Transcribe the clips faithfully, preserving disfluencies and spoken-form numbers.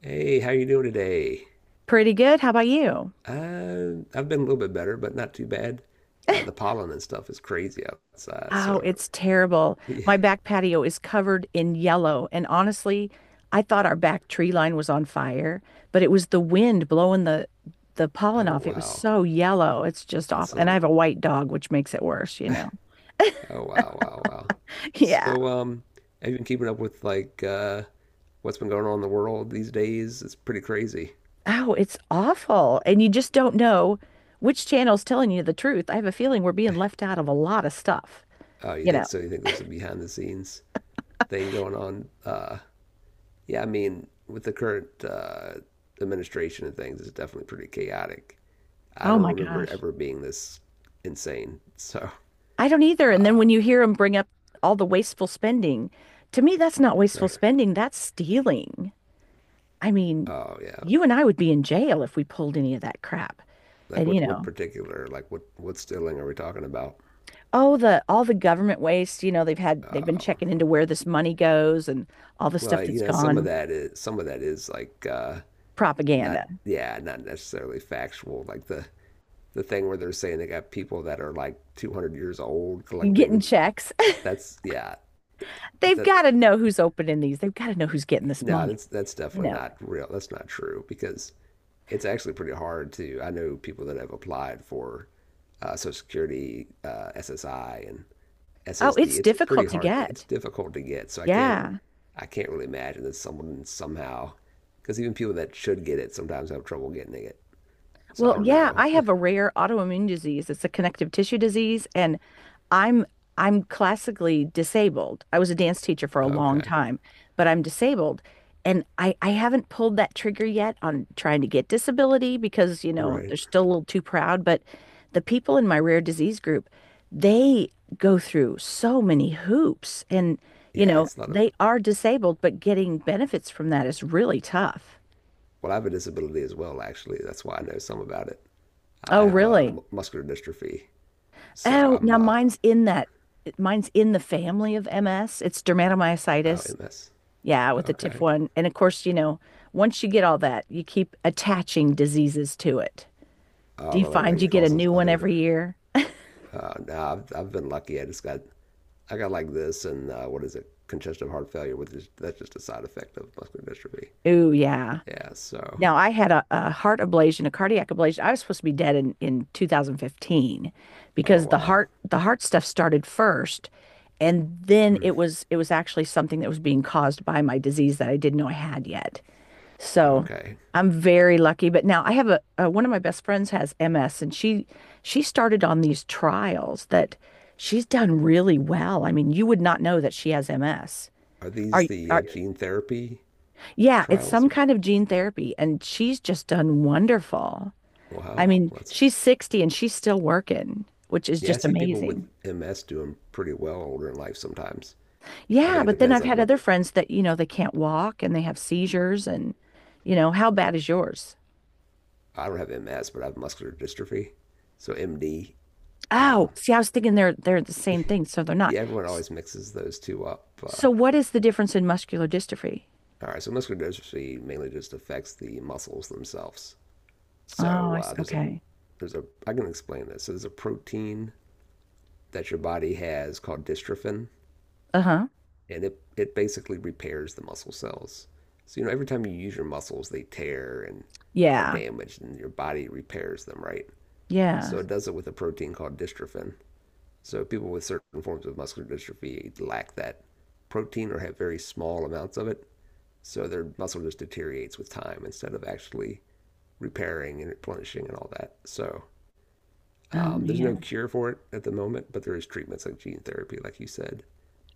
Hey, how you doing today? Pretty good. How about you? Uh, I've been a little bit better, but not too bad. Uh, the pollen and stuff is crazy outside, Oh, so it's terrible. yeah. My back patio is covered in yellow. And honestly, I thought our back tree line was on fire, but it was the wind blowing the the pollen Oh off. It was wow, so yellow. It's just that's awful. And I some. have a white dog, which makes it worse, you know. Oh wow, wow, wow. Yeah. So um, have you been keeping up with like uh, what's been going on in the world these days? It's pretty crazy. Oh, it's awful. And you just don't know which channel's telling you the truth. I have a feeling we're being left out of a lot of stuff, Oh, you you think know. so? You think there's a behind the scenes thing going on? Uh, yeah, I mean, with the current uh, administration and things, it's definitely pretty chaotic. I Oh don't my remember it gosh. ever being this insane. So I don't either. And then Um, when you hear them bring up all the wasteful spending, to me, that's not wasteful Right. spending, that's stealing. I mean, Oh yeah, you and I would be in jail if we pulled any of that crap. like And you what what know, particular like what what stealing are we talking about? oh, the all the government waste, you know, they've had they've been Um, checking into where this money goes and all the stuff well, you that's know, some of gone, that is some of that is like uh, not propaganda, yeah, not necessarily factual. Like the the thing where they're saying they got people that are like two hundred years old getting collecting. checks. That's yeah, They've that got to know who's opening these. They've got to know who's getting this no, money, that's that's you definitely know. not real. That's not true because it's actually pretty hard to. I know people that have applied for uh, Social Security, uh, S S I, and Oh, S S D. it's It's pretty difficult to hard. It's get. difficult to get. So I can't. Yeah. I can't really imagine that someone somehow, because even people that should get it sometimes have trouble getting it. So I Well, don't yeah, know. I have a rare autoimmune disease. It's a connective tissue disease, and I'm I'm classically disabled. I was a dance teacher for a long Okay. time, but I'm disabled, and I I haven't pulled that trigger yet on trying to get disability because, you know, Right. they're still a little too proud, but the people in my rare disease group, they go through so many hoops and, you Yeah. know, It's not a. they are disabled, but getting benefits from that is really tough. Well, I have a disability as well. Actually, that's why I know some about it. I Oh, have uh, really? mu- muscular dystrophy, so Oh, I'm now uh, mine's in that. Mine's in the family of M S. It's oh, dermatomyositis. M S. Yeah, with the Okay. T I F one. And of course, you know, once you get all that, you keep attaching diseases to it. Uh, Do you really, like find you it get a causes new one other. every year? Uh, no, nah, I've, I've been lucky. I just got I got like this, and uh, what is it? Congestive heart failure, which is that's just a side effect of muscular dystrophy. Ooh, yeah. Yeah, so. Now, I had a, a heart ablation, a cardiac ablation. I was supposed to be dead in, in twenty fifteen Oh, because the wow. heart the heart stuff started first. And then Mm, it was it was actually something that was being caused by my disease that I didn't know I had yet. So okay. I'm very lucky. But now I have a, uh one of my best friends has M S and she she started on these trials that she's done really well. I mean, you would not know that she has M S. Are Are, these the uh, are gene therapy yeah, it's trials? some Or, kind of gene therapy and she's just done wonderful. I wow. mean, Let's. she's sixty and she's still working, which is Yeah, I just see people with amazing. M S doing pretty well older in life sometimes. I Yeah, think it but then depends, I've like, had what. other friends that, you know, they can't walk and they have seizures and you know, how bad is yours? I don't have M S, but I have muscular dystrophy. So, M D. Oh, Um, see, I was thinking they're they're the same thing, so they're not. yeah, everyone S- always mixes those two up. Uh, So what is the difference in muscular dystrophy? all right, so muscular dystrophy mainly just affects the muscles themselves. Oh, So I uh, see. there's a Okay. there's a I can explain this. So there's a protein that your body has called dystrophin, Uh-huh. and it it basically repairs the muscle cells. So you know, every time you use your muscles, they tear and are Yeah. damaged, and your body repairs them, right? So Yeah. it does it with a protein called dystrophin. So people with certain forms of muscular dystrophy lack that protein or have very small amounts of it, so their muscle just deteriorates with time instead of actually repairing and replenishing and all that. So Oh um, there's no man. cure for it at the moment, but there is treatments like gene therapy, like you said.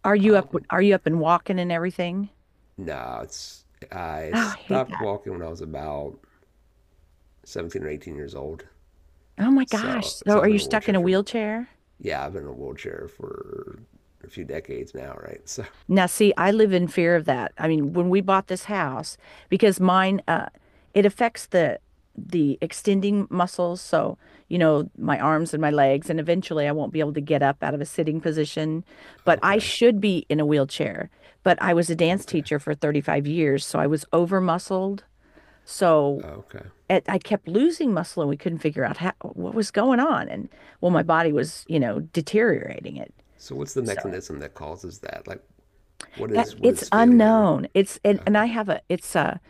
Are you up um, are you up and walking and everything? No, it's I Oh, I hate stopped that. walking when I was about seventeen or eighteen years old. Oh my So, gosh. So so I've are been you in a stuck in wheelchair a for wheelchair? yeah, I've been in a wheelchair for a few decades now, right? So, Now, see, I live in fear of that. I mean, when we bought this house, because mine, uh, it affects the the extending muscles. So, you know, my arms and my legs, and eventually I won't be able to get up out of a sitting position. But I okay, should be in a wheelchair. But I was a dance okay, teacher for thirty-five years, so I was over muscled. So okay. it, I kept losing muscle, and we couldn't figure out how, what was going on. And well, my body was, you know, deteriorating it. So, what's the So mechanism that causes that? Like, what that is what it's is failing? unknown. It's and, and Okay. I have a it's a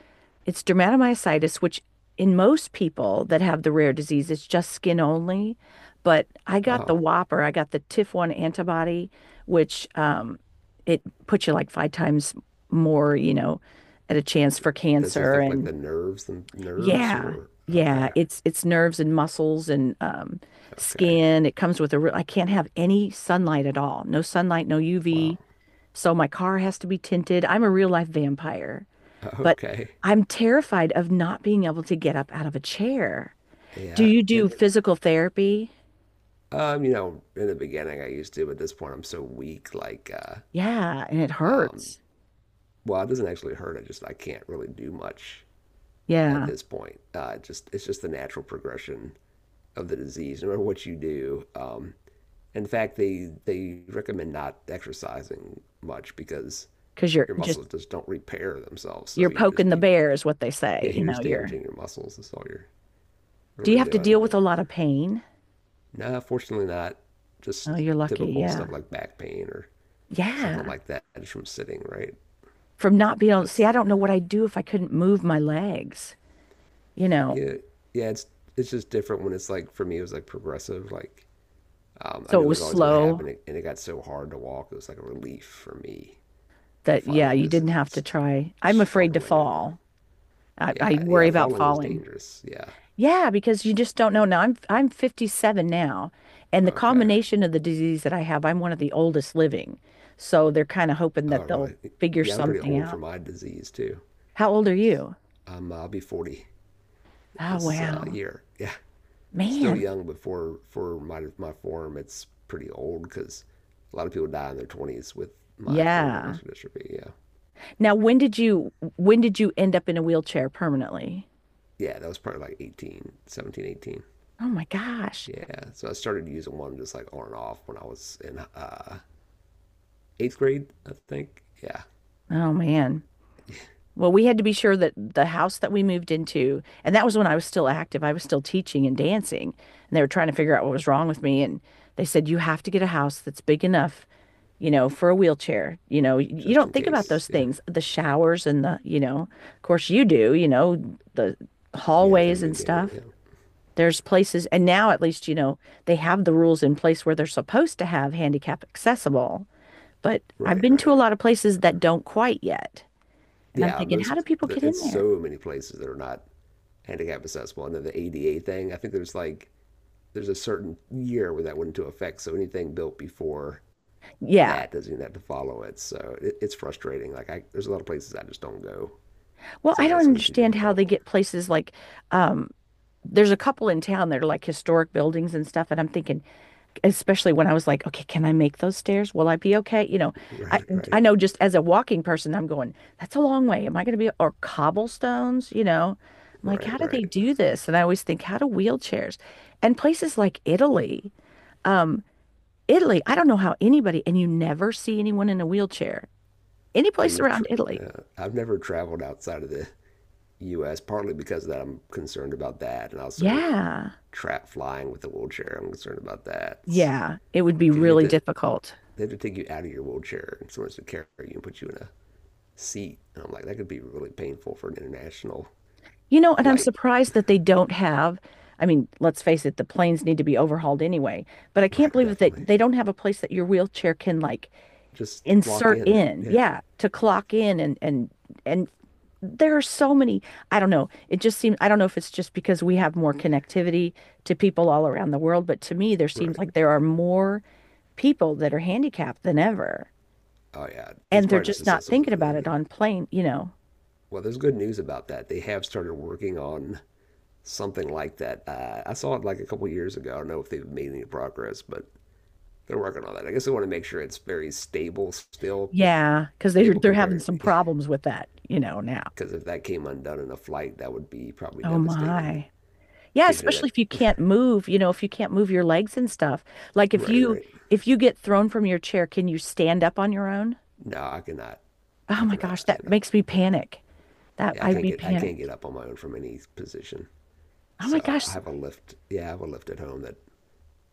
it's dermatomyositis, which in most people that have the rare disease, it's just skin only. But I got the Oh, whopper. I got the T I F one antibody, which um it puts you like five times more, you know, at a chance for does it cancer. affect like And the nerves, the nerves, yeah, or yeah, okay, it's it's nerves and muscles and um okay. skin. It comes with a real, I can't have any sunlight at all. No sunlight, no Wow. U V. So my car has to be tinted. I'm a real life vampire, but Okay. I'm terrified of not being able to get up out of a chair. Do Yeah. you do It. physical therapy? Um. You know, in the beginning, I used to, but at this point, I'm so weak. Like, uh, Yeah, and it um, hurts. well, it doesn't actually hurt. I just I can't really do much at Yeah, this point. Uh, just it's just the natural progression of the disease, no matter what you do. Um, in fact, they they recommend not exercising much because because you're your just muscles just don't repair themselves. So you're you just poking the be bear is what they yeah, say. You you're know, just you're damaging your muscles. That's all you're do you really have to doing. deal with a lot of pain? No, fortunately not. Just Oh, you're lucky. typical Yeah. stuff like back pain or something Yeah. like that just from sitting, right? From not being able to see, That's I don't know what I'd do if I couldn't move my legs, you know. yeah, yeah. It's it's just different when it's like for me it was like progressive, like um, I So it knew it was was always going to slow happen, and it got so hard to walk. It was like a relief for me to that yeah, finally you just didn't have to try. I'm afraid to struggling anymore. fall. I, I Yeah, worry yeah, about falling is falling. dangerous. Yeah, Yeah, because you just don't know. Now I'm I'm fifty-seven now, and the okay. combination of the disease that I have, I'm one of the oldest living. So they're kind of hoping Oh, that they'll really? figure Yeah, I'm pretty something old for out. my disease too. How old are you? Um, I'll be forty Oh, this uh, wow. year. Yeah, still Man. young, but for for my my form, it's pretty old because a lot of people die in their twenties with my form of Yeah. muscular dystrophy. Yeah, Now, when did you when did you end up in a wheelchair permanently? yeah, that was probably like eighteen, seventeen, eighteen. Oh my gosh. Yeah, so I started using one just like on and off when I was in uh, eighth grade, I think. Yeah, Oh man. Well, we had to be sure that the house that we moved into, and that was when I was still active, I was still teaching and dancing, and they were trying to figure out what was wrong with me. And they said, you have to get a house that's big enough, you know, for a wheelchair. You know, y- you just don't in think about case. those Yeah, things, the showers and the, you know, of course you do, you know, the yeah, from the hallways and beginning. stuff. Yeah, There's places, and now at least, you know, they have the rules in place where they're supposed to have handicap accessible. But I've right, been to right. a lot of places that don't quite yet. And I'm Yeah, thinking, most how do people get in it's there? so many places that are not handicap accessible. And then the A D A thing, I think there's like there's a certain year where that went into effect, so anything built before Yeah. that doesn't even have to follow it. So it, it's frustrating. Like I, there's a lot of places I just don't go Well, because I I know don't it's gonna be too understand how difficult. they get places like um there's a couple in town that are like historic buildings and stuff and I'm thinking especially when I was like, okay, can I make those stairs? Will I be okay? You know, I Right, right, I know just as a walking person I'm going, that's a long way. Am I going to be or cobblestones, you know? I'm like, right, how do they right. do this? And I always think, how do wheelchairs? And places like Italy, um Italy, I don't know how anybody and you never see anyone in a wheelchair. Any oh, place you've tr around Italy. uh, I've never traveled outside of the U S partly because of that I'm concerned about that, and also Yeah. trap flying with a wheelchair. I'm concerned about that Yeah, it would be because you have really to difficult. they have to take you out of your wheelchair and someone has to carry you and put you in a seat, and I'm like that could be really painful for an international You know, and I'm flight. surprised that they don't have, I mean, let's face it, the planes need to be overhauled anyway, but I can't Right, believe that they, definitely. they don't have a place that your wheelchair can like Just lock insert in. in. Yeah, Yeah, to clock in and and and there are so many, I don't know. It just seems I don't know if it's just because we have more connectivity to people all around the world, but to me there seems right. like there are more people that are handicapped than ever. Oh yeah, it's And they're probably just just not thinking about it accessibility. on plane, you know. Well, there's good news about that. They have started working on something like that. Uh, I saw it like a couple years ago. I don't know if they've made any progress, but they're working on that. I guess they want to make sure it's very stable still, Yeah, because they're stable they're having compared, some because problems with that, you know, now. if that came undone in a flight, that would be probably Oh devastating. my. Yeah, Because you know especially that, if you can't move, you know, if you can't move your legs and stuff. Like if right, you right. if you get thrown from your chair, can you stand up on your own? No, I cannot, Oh I my cannot gosh, that stand up. makes me Yeah, panic. That yeah, I I'd can't be get, I can't panicked. get up on my own from any position. Oh my So I gosh, have a lift. Yeah, I have a lift at home that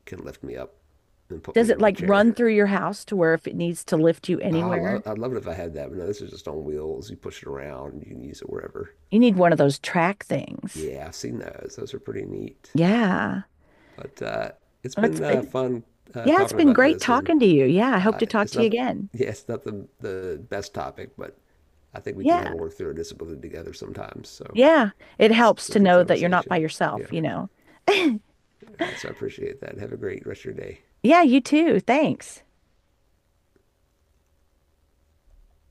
can lift me up and put does me it in my like chair. run through your house to where if it needs to lift you I anywhere? love, I'd love it if I had that, but no, this is just on wheels. You push it around and you can use it wherever. You need one of those track things. Yeah, I've seen those. Those are pretty neat. Yeah. But uh, it's Well, it's been uh, been, fun uh, yeah, it's talking been about great this, and talking to you. Yeah, I hope uh, to talk it's to you not, again. yeah, it's not the the best topic, but I think we can kind Yeah. of work through a disability together sometimes. So Yeah, it it's helps it's a to good know that you're not by conversation. Yeah. yourself, you know. All right. So I appreciate that. Have a great rest of your day. Yeah, you too. Thanks.